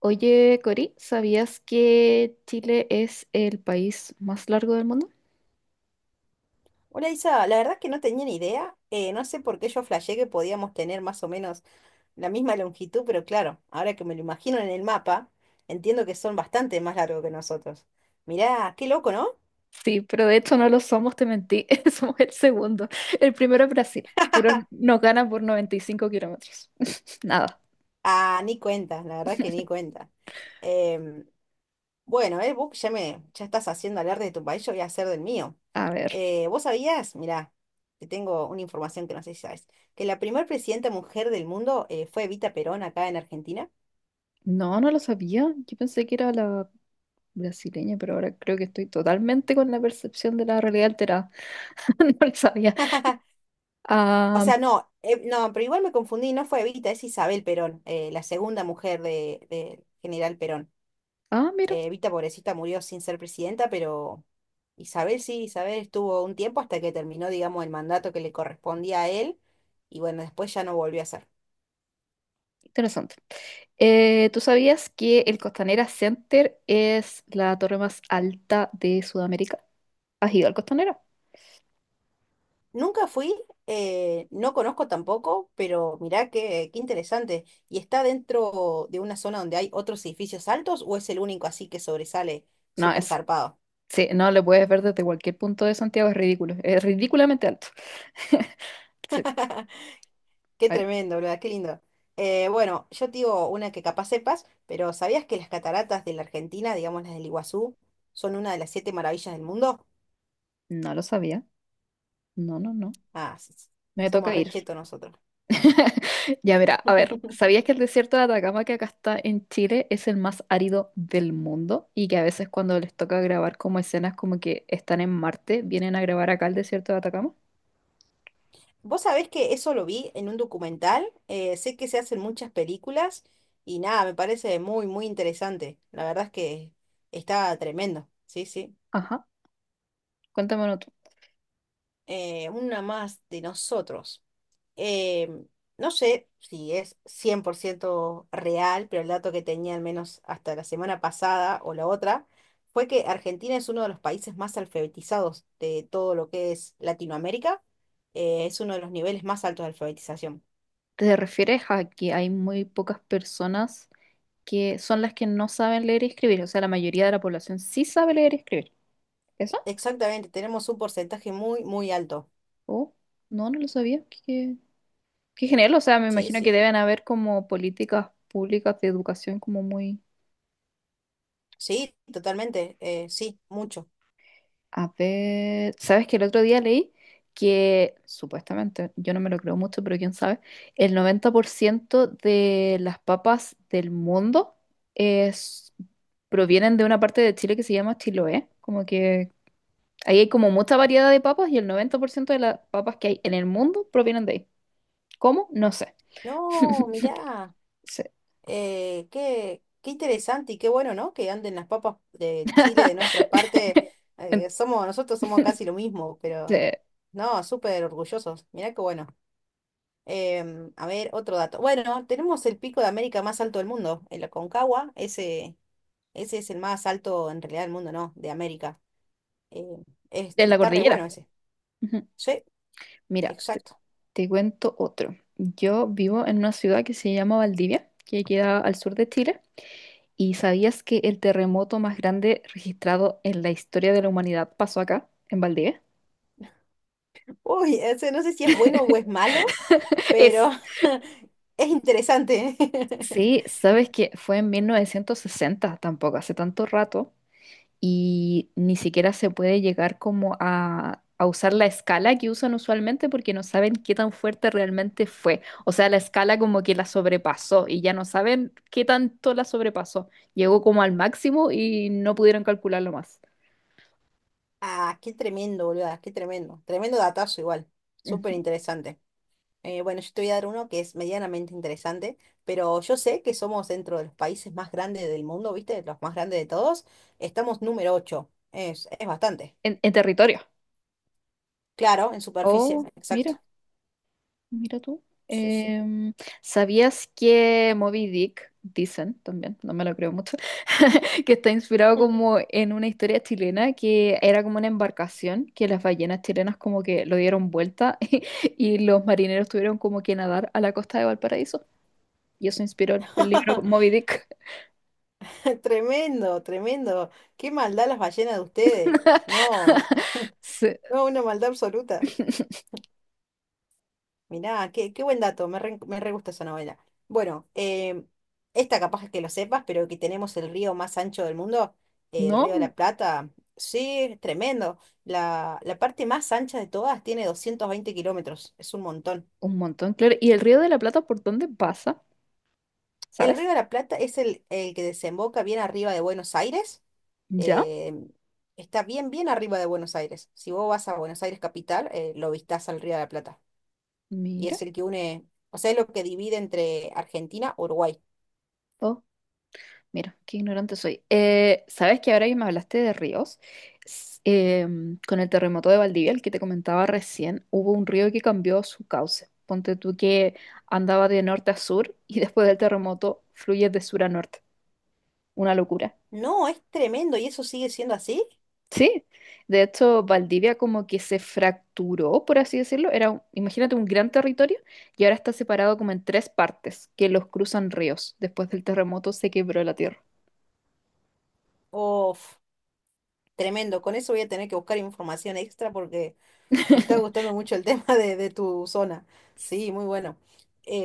Oye, Cori, ¿sabías que Chile es el país más largo del mundo? Hola Isa, la verdad es que no tenía ni idea. No sé por qué yo flashé que podíamos tener más o menos la misma longitud, pero claro, ahora que me lo imagino en el mapa, entiendo que son bastante más largos que nosotros. Mirá, qué loco, ¿no? Sí, pero de hecho no lo somos, te mentí. Somos el segundo. El primero es Brasil, pero nos gana por 95 kilómetros. Nada. Ah, ni cuenta, la verdad que ni cuenta. Em, bueno, vos ya estás haciendo alarde de tu país, yo voy a hacer del mío. A ver. ¿Vos sabías? Mirá, te tengo una información que no sé si sabes, que la primer presidenta mujer del mundo fue Evita Perón acá en Argentina. No, no lo sabía. Yo pensé que era la brasileña, pero ahora creo que estoy totalmente con la percepción de la realidad alterada. No lo sabía. O Ah, sea, no, no, pero igual me confundí, no fue Evita, es Isabel Perón, la segunda mujer de General Perón. ah, mira. Evita, pobrecita, murió sin ser presidenta, pero Isabel sí, Isabel estuvo un tiempo hasta que terminó, digamos, el mandato que le correspondía a él, y bueno, después ya no volvió a ser. Interesante. ¿Tú sabías que el Costanera Center es la torre más alta de Sudamérica? ¿Has ido al Costanera? Nunca fui, no conozco tampoco, pero mirá qué interesante. ¿Y está dentro de una zona donde hay otros edificios altos o es el único así que sobresale No, súper zarpado? sí, no le puedes ver desde cualquier punto de Santiago, es ridículo, es ridículamente alto. Sí, Qué a ver, tremendo, ¿verdad? Qué lindo. Bueno, yo te digo una que capaz sepas, pero ¿sabías que las cataratas de la Argentina, digamos las del Iguazú, son una de las siete maravillas del mundo? no lo sabía. No, no, no. Ah, sí, sí, Me somos toca re ir. nosotros. Ya, mira, a ver, ¿sabías que el desierto de Atacama que acá está en Chile es el más árido del mundo? Y que a veces cuando les toca grabar como escenas como que están en Marte, vienen a grabar acá el desierto de Atacama. Vos sabés que eso lo vi en un documental, sé que se hacen muchas películas y nada, me parece muy interesante. La verdad es que está tremendo, sí, sí. Ajá. Cuéntamelo tú. Una más de nosotros. eh, no sé si es 100% real, pero el dato que tenía al menos hasta la semana pasada o la otra fue que Argentina es uno de los países más alfabetizados de todo lo que es Latinoamérica. Es uno de los niveles más altos de alfabetización. ¿Te refieres a que hay muy pocas personas que son las que no saben leer y escribir? O sea, la mayoría de la población sí sabe leer y escribir. ¿Eso? Exactamente, tenemos un porcentaje muy alto. Oh, no, no lo sabía. Qué genial. O sea, me Sí, imagino que sí. deben haber como políticas públicas de educación como muy. Sí, totalmente. Sí, mucho. A ver, ¿sabes que el otro día leí que supuestamente, yo no me lo creo mucho, pero quién sabe, el 90% de las papas del mundo es, provienen de una parte de Chile que se llama Chiloé, como que ahí hay como mucha variedad de papas y el 90% de las papas que hay en el mundo provienen de ahí. ¿Cómo? No sé. No, mirá. Sí. Qué interesante y qué bueno, ¿no? Que anden las papas de Chile de nuestra parte. En, Somos, nosotros somos casi lo mismo, pero de- no, súper orgullosos. Mirá qué bueno. A ver, otro dato. Bueno, tenemos el pico de América más alto del mundo, el Aconcagua. Ese es el más alto en realidad del mundo, ¿no? De América. Em, en la Está re cordillera. bueno ese. Ujú. Sí, Mira, exacto. te cuento otro. Yo vivo en una ciudad que se llama Valdivia, que queda al sur de Chile. ¿Y sabías que el terremoto más grande registrado en la historia de la humanidad pasó acá, en Valdivia? Uy, ese no sé si es bueno o es malo, Es, pero es interesante. sí, sabes que fue en 1960, tampoco hace tanto rato, y ni siquiera se puede llegar como a usar la escala que usan usualmente porque no saben qué tan fuerte realmente fue. O sea, la escala como que la sobrepasó y ya no saben qué tanto la sobrepasó. Llegó como al máximo y no pudieron calcularlo más. Ah, qué tremendo, boluda, qué tremendo. Tremendo datazo igual. Súper Ujú. interesante. Bueno, yo te voy a dar uno que es medianamente interesante, pero yo sé que somos dentro de los países más grandes del mundo, ¿viste? Los más grandes de todos. Estamos número 8. Es bastante. En territorio. Claro, en superficie, Oh, mira. exacto. Mira tú. Sí, sí. Em, ¿Sabías que Moby Dick, dicen también, no me lo creo mucho, que está inspirado Mm. como en una historia chilena que era como una embarcación que las ballenas chilenas como que lo dieron vuelta y los marineros tuvieron como que nadar a la costa de Valparaíso? Y eso inspiró el libro Moby Dick. Tremendo, tremendo. Qué maldad las ballenas de ustedes. No, Sí. no, una maldad absoluta. Mirá, qué buen dato, me re gusta esa novela. Bueno, esta capaz es que lo sepas, pero que tenemos el río más ancho del mundo, el río de No, la Plata, sí, es tremendo. La parte más ancha de todas tiene 220 kilómetros, es un montón. un montón, claro. ¿Y el Río de la Plata por dónde pasa? El río ¿Sabes? de la Plata es el que desemboca bien arriba de Buenos Aires, ¿Ya? em, está bien, bien arriba de Buenos Aires. Si vos vas a Buenos Aires capital, lo vistás al río de la Plata, y Mira. es el que une, o sea, es lo que divide entre Argentina y Uruguay. Oh. Mira, qué ignorante soy. ¿Sabes que ahora que me hablaste de ríos? Con el terremoto de Valdivia, el que te comentaba recién, hubo un río que cambió su cauce. Ponte tú que andaba de norte a sur y después del terremoto fluye de sur a norte. Una locura. No, es tremendo. ¿Y eso sigue siendo así? Sí, de hecho, Valdivia como que se fracturó, por así decirlo. Imagínate, un gran territorio y ahora está separado como en tres partes que los cruzan ríos. Después del terremoto se quebró la tierra. Uf, tremendo. Con eso voy a tener que buscar información extra porque me está gustando mucho el tema de tu zona. Sí, muy bueno.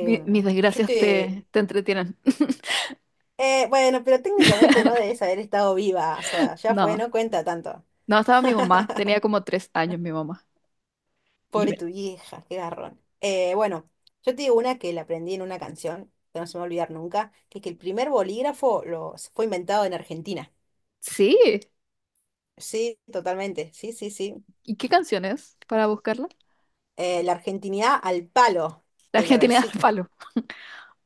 Mis yo desgracias te... te entretienen. Bueno, pero técnicamente no debes haber estado viva. O sea, ya fue, No, no cuenta tanto. no, estaba mi mamá. Tenía como 3 años mi mamá. Yo Pobre me- tu vieja, qué garrón. Bueno, yo te digo una que la aprendí en una canción, que no se me va a olvidar nunca, que es que el primer bolígrafo fue inventado en Argentina. Sí. Sí, totalmente. Sí, sí, sí. ¿Y qué canciones para buscarla? La argentinidad al palo La de la Argentina al Versuit. palo.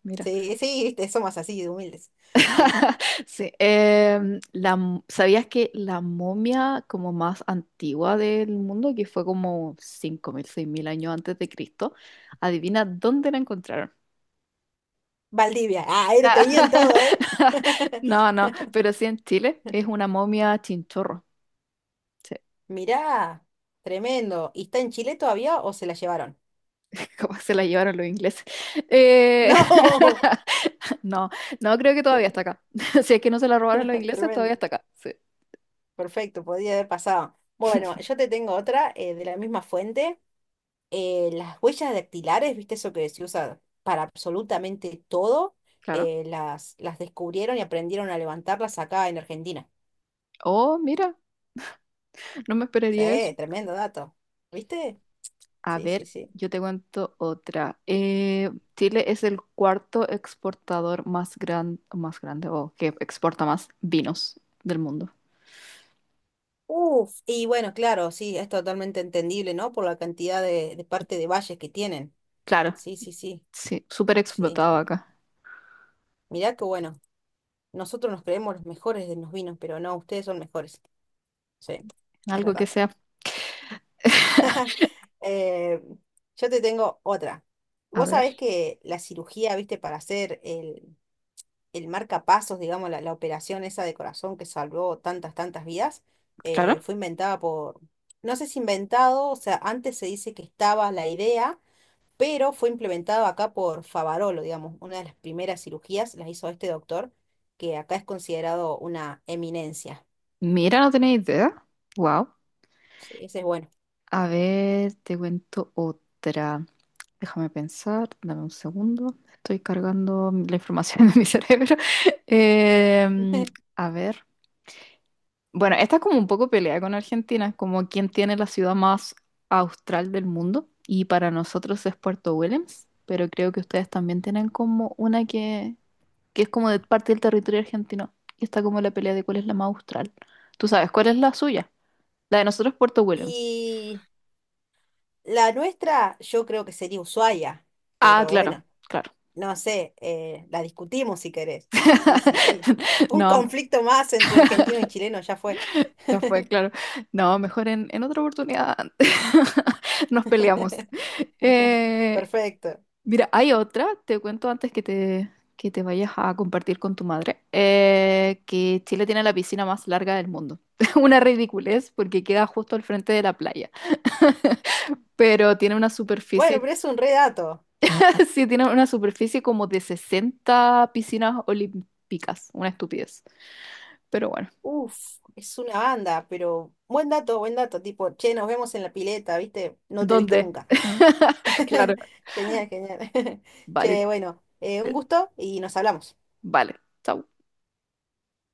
Mira. Sí, sí, viste, somos así de humildes. Sí. Sí. ¿Sabías que la momia como más antigua del mundo, que fue como 5000 6000 años antes de Cristo, adivina dónde la encontraron? Valdivia, ah, ahí lo tenían todo, ¿eh? No, no, pero sí en Chile es una momia chinchorro. Sí. Mirá, tremendo. ¿Y está en Chile todavía o se la llevaron? Como se la llevaron los ingleses. Eh, No, no, no creo que todavía está acá. Si es que no se la robaron los ingleses, todavía tremendo. está acá. Sí, Perfecto, podía haber pasado. Bueno, yo te tengo otra de la misma fuente. Las huellas dactilares, ¿viste eso que se usa para absolutamente todo? claro. Las descubrieron y aprendieron a levantarlas acá en Argentina. Oh, mira, no me esperaría Sí, eso. tremendo dato. ¿Viste? A Sí, sí, ver, sí. yo te cuento otra. Chile es el cuarto exportador más grande, o que exporta más vinos del mundo. Uf, y bueno, claro, sí, es totalmente entendible, ¿no? Por la cantidad de parte de valles que tienen. Claro, Sí, sí, sí, sí, súper sí. explotado acá. Mirá que bueno, nosotros nos creemos los mejores de los vinos, pero no, ustedes son mejores. Sí, es Algo que verdad. sea, Eh, yo te tengo otra. a Vos ver, sabés que la cirugía, ¿viste? Para hacer el marcapasos, digamos, la operación esa de corazón que salvó tantas vidas, claro. fue inventada por, no sé si inventado, o sea, antes se dice que estaba la idea, pero fue implementado acá por Favarolo, digamos, una de las primeras cirugías las hizo este doctor, que acá es considerado una eminencia. Mira, no tenía idea. Wow. Sí, ese es bueno. A ver, te cuento otra. Déjame pensar, dame un segundo. Estoy cargando la información de mi cerebro. Em, a ver. Bueno, esta es como un poco pelea con Argentina, como quién tiene la ciudad más austral del mundo. Y para nosotros es Puerto Williams, pero creo que ustedes también tienen como una que es como de parte del territorio argentino. Y está como la pelea de cuál es la más austral. ¿Tú sabes cuál es la suya? La de nosotros es Puerto Williams. Y la nuestra, yo creo que sería Ushuaia, Ah, pero claro, bueno. claro. No sé, la discutimos si querés. Sí, sí, sí. Un No, conflicto más entre argentino y chileno ya fue. ya fue, claro. No, mejor en otra oportunidad nos peleamos. Eh, Perfecto. mira, hay otra, te cuento antes que te vayas a compartir con tu madre, que Chile tiene la piscina más larga del mundo. Una ridiculez porque queda justo al frente de la playa, pero tiene una Bueno, superficie, pero es un re dato. sí, tiene una superficie como de 60 piscinas olímpicas, una estupidez. Pero bueno, Uf, es una banda, pero buen dato, buen dato. Tipo, che, nos vemos en la pileta, ¿viste? No te viste ¿dónde? nunca. Claro, Genial, genial. vale. Che, bueno, un gusto y nos hablamos. Vale, chao.